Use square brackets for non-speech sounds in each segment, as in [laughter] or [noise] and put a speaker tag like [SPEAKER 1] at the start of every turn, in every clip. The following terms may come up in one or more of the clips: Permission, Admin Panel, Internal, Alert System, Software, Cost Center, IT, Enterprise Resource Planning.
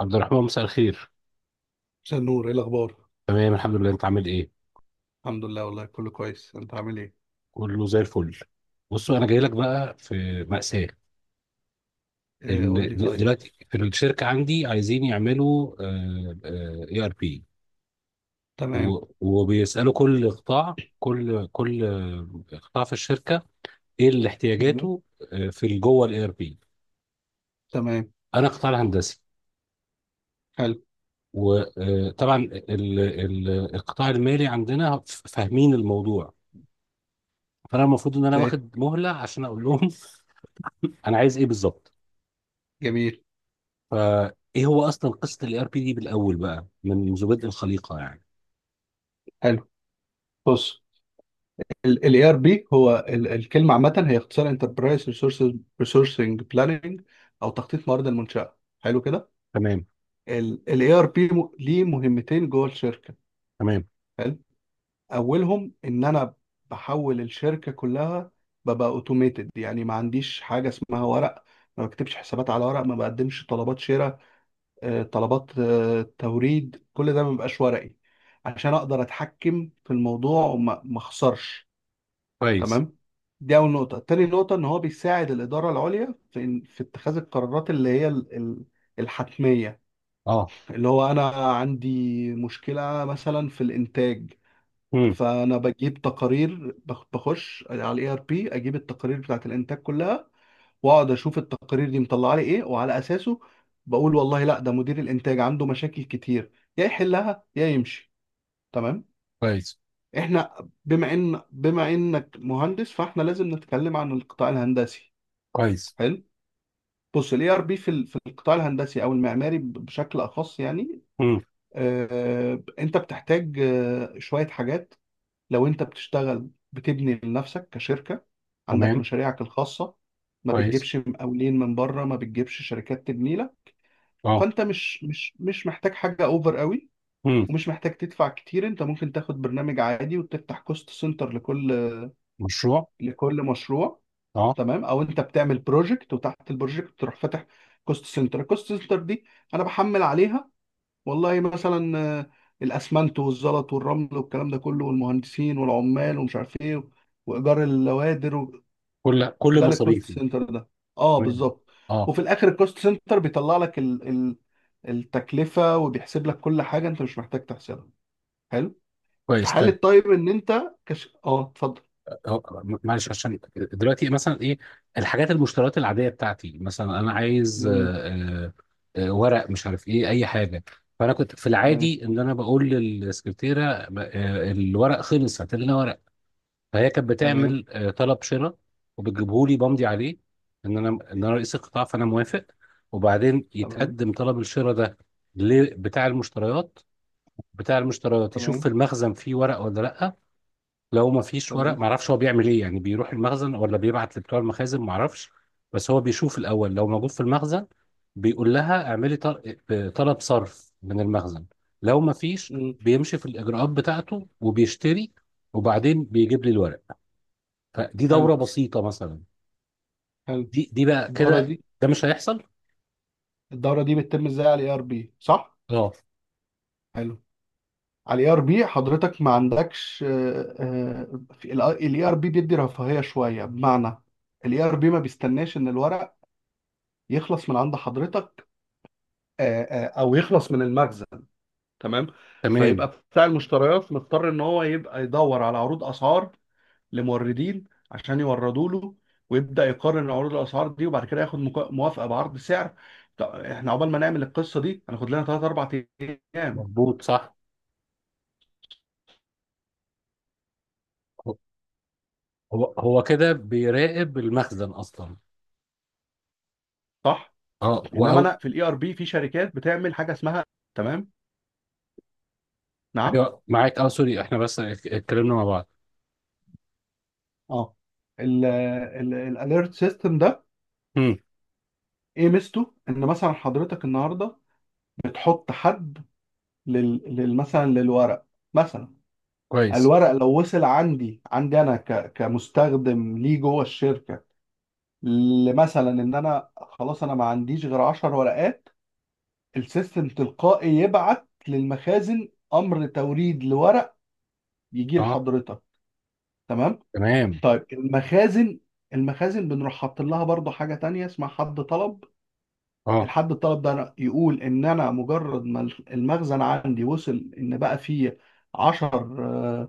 [SPEAKER 1] عبد الرحمن، مساء الخير.
[SPEAKER 2] عشان نور، ايه الاخبار؟
[SPEAKER 1] تمام، الحمد لله. انت عامل ايه؟
[SPEAKER 2] الحمد لله، والله كله كويس. انت عامل ايه؟
[SPEAKER 1] كله زي الفل. بصوا، انا جاي لك بقى في مأساة.
[SPEAKER 2] إيه، قول لي. طيب.
[SPEAKER 1] دلوقتي في الشركة عندي عايزين يعملوا اي ار بي،
[SPEAKER 2] تمام.
[SPEAKER 1] وبيسألوا كل قطاع في الشركة، ايه اللي
[SPEAKER 2] مم.
[SPEAKER 1] احتياجاته؟ في جوه الاي ار بي.
[SPEAKER 2] تمام.
[SPEAKER 1] انا قطاع الهندسي.
[SPEAKER 2] حلو.
[SPEAKER 1] وطبعا القطاع المالي عندنا فاهمين الموضوع. فانا المفروض ان انا
[SPEAKER 2] فاهم.
[SPEAKER 1] واخد مهلة عشان اقول لهم، [laughs] انا عايز ايه بالظبط.
[SPEAKER 2] جميل.
[SPEAKER 1] فايه هو اصلا قصه الاي ار بي دي بالاول بقى منذ بدء الخليقه يعني؟
[SPEAKER 2] حلو. بص، الاي ار بي هو الكلمه عامه، هي اختصار انتربرايز ريسورسنج بلاننج، او تخطيط موارد المنشاه. حلو كده.
[SPEAKER 1] تمام.
[SPEAKER 2] الاي ار بي ليه مهمتين جوه الشركه.
[SPEAKER 1] تمام.
[SPEAKER 2] حلو. اولهم ان انا بحول الشركه كلها، ببقى اوتوميتد. يعني ما عنديش حاجه اسمها ورق، ما بكتبش حسابات على ورق، ما بقدمش طلبات شراء، طلبات توريد، كل ده ما بيبقاش ورقي عشان اقدر اتحكم في الموضوع وما ما اخسرش.
[SPEAKER 1] كويس.
[SPEAKER 2] تمام. دي اول نقطه. تاني نقطه، ان هو بيساعد الاداره العليا في في اتخاذ القرارات اللي هي الحتميه.
[SPEAKER 1] اه.
[SPEAKER 2] اللي هو انا عندي مشكله مثلا في الانتاج،
[SPEAKER 1] امم.
[SPEAKER 2] فانا بجيب تقارير، بخش على الاي ار بي، اجيب التقارير بتاعت الانتاج كلها، واقعد اشوف التقارير دي مطلعه لي ايه، وعلى اساسه بقول والله لا، ده مدير الانتاج عنده مشاكل كتير، يا يحلها يا يمشي. تمام.
[SPEAKER 1] كويس.
[SPEAKER 2] احنا بما انك مهندس، فاحنا لازم نتكلم عن القطاع الهندسي.
[SPEAKER 1] كويس.
[SPEAKER 2] حلو. بص، الاي ار بي في في القطاع الهندسي او المعماري بشكل اخص يعني.
[SPEAKER 1] امم.
[SPEAKER 2] انت بتحتاج شويه حاجات. لو انت بتشتغل بتبني لنفسك كشركه، عندك
[SPEAKER 1] تمام.
[SPEAKER 2] مشاريعك الخاصه، ما
[SPEAKER 1] كويس.
[SPEAKER 2] بتجيبش مقاولين من بره، ما بتجيبش شركات تبني لك،
[SPEAKER 1] اه.
[SPEAKER 2] فانت مش محتاج حاجه اوفر قوي،
[SPEAKER 1] امم.
[SPEAKER 2] ومش محتاج تدفع كتير. انت ممكن تاخد برنامج عادي وتفتح كوست سنتر لكل
[SPEAKER 1] مشروع.
[SPEAKER 2] لكل مشروع.
[SPEAKER 1] اه.
[SPEAKER 2] تمام. او انت بتعمل بروجكت، وتحت البروجكت تروح فاتح كوست سنتر. الكوست سنتر دي انا بحمل عليها والله، مثلا الاسمنت والزلط والرمل والكلام ده كله، والمهندسين والعمال ومش عارف ايه، وايجار اللوادر،
[SPEAKER 1] كل
[SPEAKER 2] ده للكوست
[SPEAKER 1] مصاريفي.
[SPEAKER 2] سنتر ده. اه،
[SPEAKER 1] تمام.
[SPEAKER 2] بالظبط.
[SPEAKER 1] اه.
[SPEAKER 2] وفي الاخر الكوست سنتر بيطلع لك التكلفه، وبيحسب لك كل حاجه انت مش محتاج تحسبها. حلو. في
[SPEAKER 1] كويس.
[SPEAKER 2] حاله
[SPEAKER 1] طيب.
[SPEAKER 2] طيب، ان انت اه، اتفضل.
[SPEAKER 1] آه، معلش، عشان دلوقتي مثلا ايه الحاجات المشتريات العاديه بتاعتي، مثلا انا عايز
[SPEAKER 2] جميل.
[SPEAKER 1] ورق، مش عارف ايه، اي حاجه. فانا كنت في
[SPEAKER 2] تمام.
[SPEAKER 1] العادي ان انا بقول للسكرتيره الورق خلص، هات لنا ورق. فهي كانت
[SPEAKER 2] تمام.
[SPEAKER 1] بتعمل طلب شراء، وبتجيبه لي بمضي عليه ان انا رئيس القطاع فانا موافق. وبعدين
[SPEAKER 2] تمام.
[SPEAKER 1] يتقدم طلب الشراء ده لبتاع المشتريات. بتاع المشتريات يشوف في
[SPEAKER 2] تمام.
[SPEAKER 1] المخزن فيه ورق ولا لا. لو ما فيش ورق،
[SPEAKER 2] تمام.
[SPEAKER 1] ما اعرفش هو بيعمل ايه، يعني بيروح المخزن ولا بيبعت لبتوع المخازن، ما اعرفش. بس هو بيشوف الاول لو موجود في المخزن بيقول لها اعملي طلب صرف من المخزن. لو ما فيش،
[SPEAKER 2] مم.
[SPEAKER 1] بيمشي في الاجراءات بتاعته وبيشتري، وبعدين بيجيب لي الورق. فدي دورة
[SPEAKER 2] حلو.
[SPEAKER 1] بسيطة مثلا.
[SPEAKER 2] حلو.
[SPEAKER 1] دي بقى
[SPEAKER 2] الدوره دي،
[SPEAKER 1] كده، ده مش هيحصل.
[SPEAKER 2] الدوره دي بتتم ازاي على الاي ار بي، صح؟
[SPEAKER 1] اه.
[SPEAKER 2] حلو. على الاي ار بي حضرتك ما عندكش. الاي ار بي بيدي رفاهيه شويه، بمعنى الاي ار بي ما بيستناش ان الورق يخلص من عند حضرتك، او يخلص من المخزن. تمام. فيبقى
[SPEAKER 1] تمام.
[SPEAKER 2] بتاع المشتريات مضطر ان هو يبقى يدور على عروض اسعار لموردين، عشان يوردوا له، ويبدا يقارن عروض الاسعار دي، وبعد كده ياخد موافقه بعرض سعر. طب احنا عقبال ما نعمل القصه دي، هناخد لنا 3 4 ايام.
[SPEAKER 1] مظبوط. صح. هو هو كده بيراقب المخزن اصلا.
[SPEAKER 2] صح.
[SPEAKER 1] اه.
[SPEAKER 2] انما
[SPEAKER 1] واو.
[SPEAKER 2] انا في الاي ار بي، في شركات بتعمل حاجه اسمها. تمام. نعم.
[SPEAKER 1] أيوة، معاك. اه سوري، احنا بس اتكلمنا مع بعض.
[SPEAKER 2] اه. الاليرت سيستم ده،
[SPEAKER 1] امم.
[SPEAKER 2] ايه ميزته؟ ان مثلا حضرتك النهارده بتحط حد مثلا للورق. مثلا
[SPEAKER 1] كويس.
[SPEAKER 2] الورق لو وصل عندي، عندي انا كمستخدم ليه جوه الشركه، لمثلا ان انا خلاص انا ما عنديش غير 10 ورقات، السيستم تلقائي يبعت للمخازن امر توريد لورق، يجي
[SPEAKER 1] اه.
[SPEAKER 2] لحضرتك. تمام.
[SPEAKER 1] تمام.
[SPEAKER 2] طيب المخازن، المخازن بنروح حاطين لها برضو حاجه تانية اسمها حد طلب.
[SPEAKER 1] اه.
[SPEAKER 2] الحد الطلب ده، يقول ان انا مجرد ما المخزن عندي وصل، ان بقى فيه 10،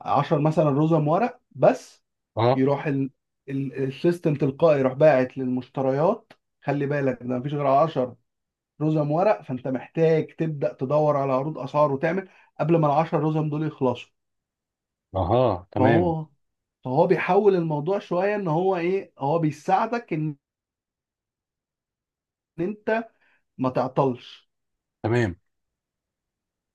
[SPEAKER 2] 10 مثلا رزم ورق بس،
[SPEAKER 1] اه.
[SPEAKER 2] يروح السيستم تلقائي يروح باعت للمشتريات، خلي بالك ده مفيش غير 10 رزم ورق، فانت محتاج تبدا تدور على عروض اسعار وتعمل، قبل ما ال 10 رزم دول يخلصوا.
[SPEAKER 1] اها، تمام.
[SPEAKER 2] فهو فهو بيحول الموضوع شويه، ان هو ايه، هو بيساعدك ان انت ما تعطلش،
[SPEAKER 1] تمام.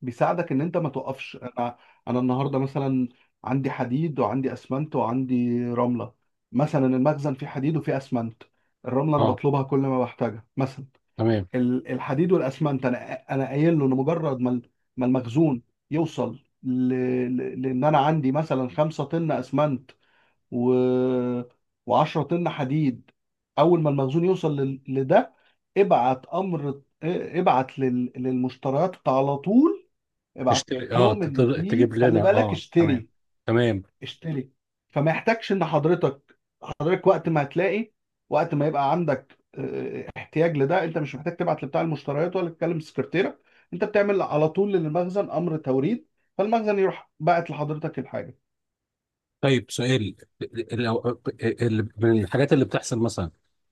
[SPEAKER 2] بيساعدك ان انت ما توقفش. انا النهارده مثلا عندي حديد، وعندي اسمنت، وعندي رمله. مثلا المخزن فيه حديد وفيه اسمنت. الرمله انا
[SPEAKER 1] اه.
[SPEAKER 2] بطلبها كل ما بحتاجها مثلا.
[SPEAKER 1] تمام.
[SPEAKER 2] الحديد والاسمنت انا قايل له ان مجرد ما ما المخزون يوصل لان انا عندي مثلا 5 طن اسمنت، و و10 طن حديد. اول ما المخزون يوصل لده، ابعت امر، ابعت للمشتريات على طول. ابعت
[SPEAKER 1] تشتري. اه،
[SPEAKER 2] لهم ان في،
[SPEAKER 1] تجيب
[SPEAKER 2] خلي
[SPEAKER 1] لنا.
[SPEAKER 2] بالك،
[SPEAKER 1] اه. تمام.
[SPEAKER 2] اشتري،
[SPEAKER 1] تمام.
[SPEAKER 2] اشتري. فما يحتاجش ان حضرتك، حضرتك وقت ما هتلاقي، وقت ما يبقى عندك احتياج لده، انت مش محتاج تبعت لبتاع المشتريات ولا تكلم سكرتيرة، انت بتعمل على طول للمخزن امر توريد، فالمخزن يروح باعت لحضرتك الحاجة.
[SPEAKER 1] طيب، سؤال. من الحاجات اللي بتحصل مثلا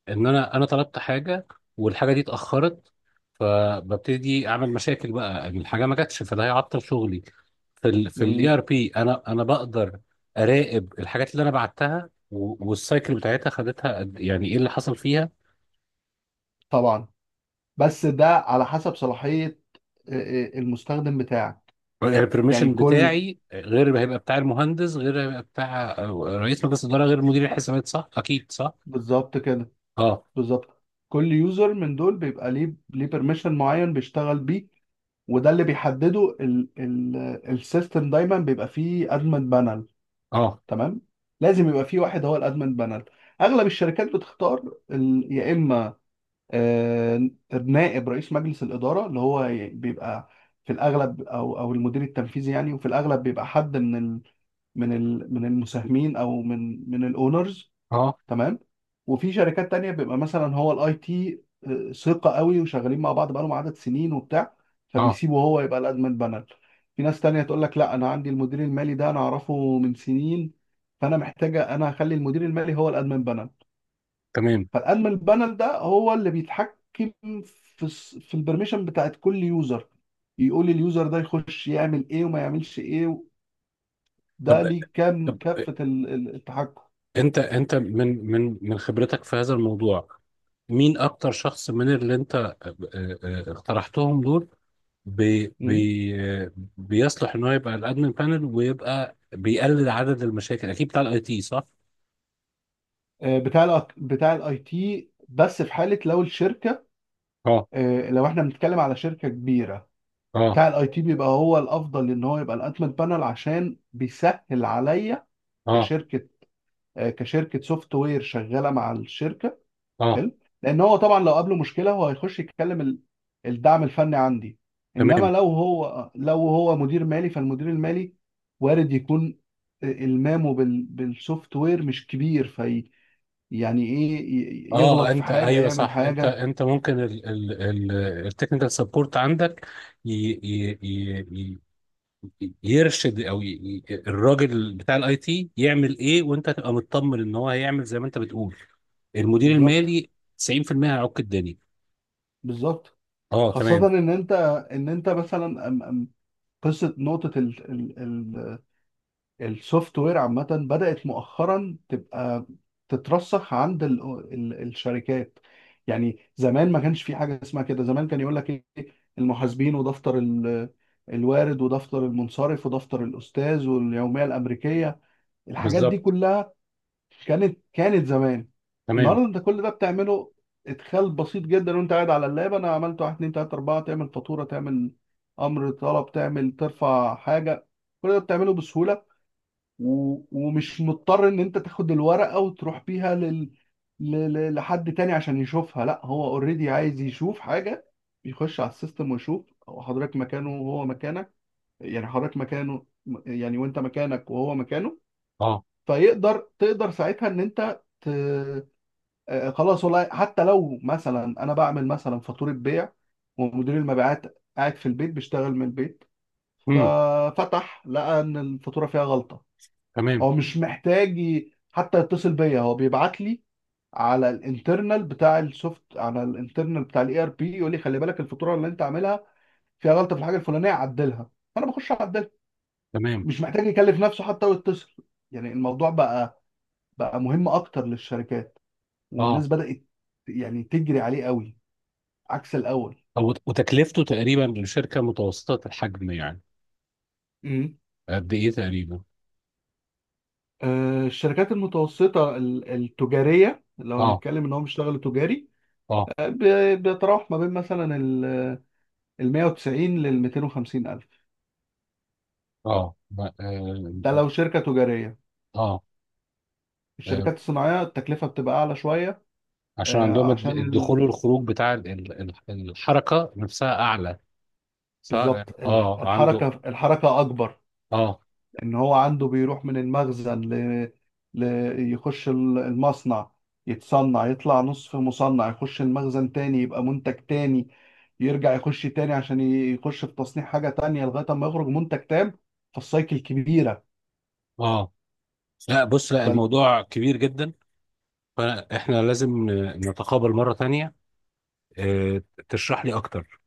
[SPEAKER 1] ان انا طلبت حاجه، والحاجه دي اتاخرت، فببتدي اعمل مشاكل بقى إن الحاجه ما جاتش، فده هيعطل شغلي. في الاي
[SPEAKER 2] جميل.
[SPEAKER 1] ار بي انا بقدر اراقب الحاجات اللي انا بعتها و- والسايكل بتاعتها خدتها قد- إيه، يعني ايه اللي حصل فيها.
[SPEAKER 2] طبعا، بس ده على حسب صلاحية، اه، اه، المستخدم بتاعك. يعني
[SPEAKER 1] البرميشن
[SPEAKER 2] كل.
[SPEAKER 1] بتاعي غير اللي هيبقى بتاع المهندس، غير اللي هيبقى بتاع رئيس مجلس الاداره، غير مدير الحسابات، صح؟ اكيد صح.
[SPEAKER 2] بالظبط كده.
[SPEAKER 1] اه.
[SPEAKER 2] بالظبط. كل يوزر من دول بيبقى ليه بيرميشن معين بيشتغل بيه، وده اللي بيحدده ال ال السيستم دايما بيبقى فيه ادمن بانل.
[SPEAKER 1] اه.
[SPEAKER 2] تمام. لازم يبقى فيه واحد هو الادمن بانل. اغلب الشركات بتختار يا اما آه، نائب رئيس مجلس الاداره، اللي هو بيبقى في الاغلب، او المدير التنفيذي يعني، وفي الاغلب بيبقى حد من المساهمين، او من الاونرز.
[SPEAKER 1] اه.
[SPEAKER 2] تمام. وفي شركات تانية بيبقى مثلا هو الاي تي، ثقة قوي وشغالين مع بعض بقالهم عدد سنين وبتاع،
[SPEAKER 1] اه.
[SPEAKER 2] فبيسيبه هو يبقى الادمن بانل. في ناس تانية تقول لك لا، انا عندي المدير المالي ده انا اعرفه من سنين، فانا محتاجة انا اخلي المدير المالي هو الادمن بانل.
[SPEAKER 1] تمام.
[SPEAKER 2] فالادمن بانل ده هو اللي بيتحكم في في البرميشن بتاعت كل يوزر، يقول اليوزر ده يخش يعمل ايه وما يعملش ايه،
[SPEAKER 1] طب
[SPEAKER 2] ده ليه كام
[SPEAKER 1] طب،
[SPEAKER 2] كافة التحكم.
[SPEAKER 1] انت من خبرتك في هذا الموضوع، مين اكتر شخص من اللي انت اقترحتهم دول بي بي بيصلح ان هو يبقى الادمن بانل ويبقى بيقلل عدد المشاكل؟ اكيد بتاع الاي تي، صح؟
[SPEAKER 2] بتاع بتاع الاي تي، بس في حاله لو الشركه،
[SPEAKER 1] اه.
[SPEAKER 2] لو احنا بنتكلم على شركه كبيره،
[SPEAKER 1] اه.
[SPEAKER 2] بتاع الاي تي بيبقى هو الافضل ان هو يبقى الانتمنت بانل، عشان بيسهل عليا
[SPEAKER 1] اه.
[SPEAKER 2] كشركه، كشركه سوفت وير شغاله مع الشركه.
[SPEAKER 1] اه.
[SPEAKER 2] حلو. لان هو طبعا لو قابله مشكله، هو هيخش يتكلم الدعم الفني عندي. انما
[SPEAKER 1] تمام.
[SPEAKER 2] لو هو مدير مالي، فالمدير المالي وارد يكون المامه بالسوفت وير مش كبير، يعني ايه
[SPEAKER 1] اه،
[SPEAKER 2] يغلط في
[SPEAKER 1] انت،
[SPEAKER 2] حاجه،
[SPEAKER 1] ايوه،
[SPEAKER 2] يعمل
[SPEAKER 1] صح. انت
[SPEAKER 2] حاجه.
[SPEAKER 1] انت ممكن التكنيكال سبورت عندك ي- ي- ي- يرشد، او الراجل بتاع الاي تي يعمل ايه، وانت تبقى مطمن ان هو هيعمل زي ما انت بتقول. المدير
[SPEAKER 2] بالظبط.
[SPEAKER 1] المالي 90% هيعك الدنيا.
[SPEAKER 2] بالظبط.
[SPEAKER 1] اه.
[SPEAKER 2] خاصه
[SPEAKER 1] تمام.
[SPEAKER 2] ان انت مثلا أم- أم قصه نقطه ال ال ال السوفت وير عامه بدات مؤخرا تبقى تترسخ عند ال ال الشركات يعني زمان ما كانش في حاجه اسمها كده. زمان كان يقول لك ايه، المحاسبين ودفتر الوارد ودفتر المنصرف ودفتر الاستاذ واليوميه الامريكيه، الحاجات دي
[SPEAKER 1] بالظبط.
[SPEAKER 2] كلها كانت زمان.
[SPEAKER 1] تمام.
[SPEAKER 2] النهارده انت كل ده بتعمله ادخال بسيط جدا، وانت قاعد على اللاب انا عملت واحد اتنين تلاته اربعه، تعمل فاتوره، تعمل امر طلب، تعمل ترفع حاجه، كل ده بتعمله بسهوله، ومش مضطر ان انت تاخد الورقه وتروح بيها لحد تاني عشان يشوفها. لا، هو اوريدي عايز يشوف حاجه، بيخش على السيستم ويشوف. حضرتك مكانه وهو مكانك، يعني حضرتك مكانه، يعني وانت مكانك وهو مكانه.
[SPEAKER 1] اه.
[SPEAKER 2] فيقدر، تقدر ساعتها ان انت ت... آه، آه، خلاص والله. حتى لو مثلا انا بعمل مثلا فاتوره بيع، ومدير المبيعات قاعد في البيت بيشتغل من البيت،
[SPEAKER 1] امم.
[SPEAKER 2] ففتح لقى ان الفاتوره فيها غلطه،
[SPEAKER 1] تمام.
[SPEAKER 2] هو مش محتاج حتى يتصل بيا، هو بيبعت لي على الانترنال بتاع الاي ار بي، يقول لي خلي بالك الفاتوره اللي انت عاملها فيها غلطه في الحاجه الفلانيه، عدلها. فانا بخش اعدلها.
[SPEAKER 1] تمام.
[SPEAKER 2] مش محتاج يكلف نفسه حتى ويتصل. يعني الموضوع بقى مهم اكتر للشركات، والناس
[SPEAKER 1] اه.
[SPEAKER 2] بدأت يعني تجري عليه قوي عكس الأول.
[SPEAKER 1] أو... وتكلفته تقريبا لشركه متوسطه الحجم يعني
[SPEAKER 2] امم.
[SPEAKER 1] قد ايه تقريبا؟
[SPEAKER 2] الشركات المتوسطة التجارية، لو
[SPEAKER 1] اه.
[SPEAKER 2] هنتكلم ان هم بيشتغلوا تجاري،
[SPEAKER 1] اه.
[SPEAKER 2] بيتراوح ما بين مثلا ال 190 لل 250 الف.
[SPEAKER 1] اه.
[SPEAKER 2] ده لو شركة تجارية.
[SPEAKER 1] آه. آه.
[SPEAKER 2] الشركات الصناعية التكلفة بتبقى اعلى شوية.
[SPEAKER 1] عشان عندهم
[SPEAKER 2] عشان
[SPEAKER 1] الدخول والخروج بتاع الحركه نفسها اعلى، سواء
[SPEAKER 2] بالظبط.
[SPEAKER 1] اه عنده.
[SPEAKER 2] الحركة، الحركة اكبر.
[SPEAKER 1] اه.
[SPEAKER 2] ان هو عنده بيروح من المخزن ل... يخش المصنع، يتصنع يطلع نصف مصنع، يخش المخزن تاني يبقى منتج تاني، يرجع يخش تاني عشان يخش في تصنيع حاجة تانية، لغاية ما يخرج منتج تام. فالسايكل كبيرة.
[SPEAKER 1] اه. لا بص، لا،
[SPEAKER 2] ف...
[SPEAKER 1] الموضوع كبير جدا، فاحنا لازم نتقابل مرة تانية. آه، تشرح لي اكتر،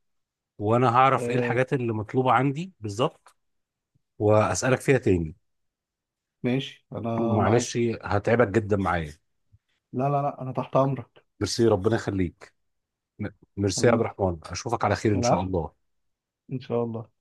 [SPEAKER 1] وانا هعرف ايه
[SPEAKER 2] آه...
[SPEAKER 1] الحاجات اللي مطلوبة عندي بالظبط، واسألك فيها تاني.
[SPEAKER 2] ماشي، انا
[SPEAKER 1] معلش،
[SPEAKER 2] معاك.
[SPEAKER 1] هتعبك جدا معايا.
[SPEAKER 2] لا لا لا، انا تحت امرك.
[SPEAKER 1] ميرسي، ربنا يخليك. م- ميرسي يا عبد
[SPEAKER 2] حبيبي.
[SPEAKER 1] الرحمن، اشوفك على خير ان شاء
[SPEAKER 2] العفو.
[SPEAKER 1] الله.
[SPEAKER 2] ان شاء الله.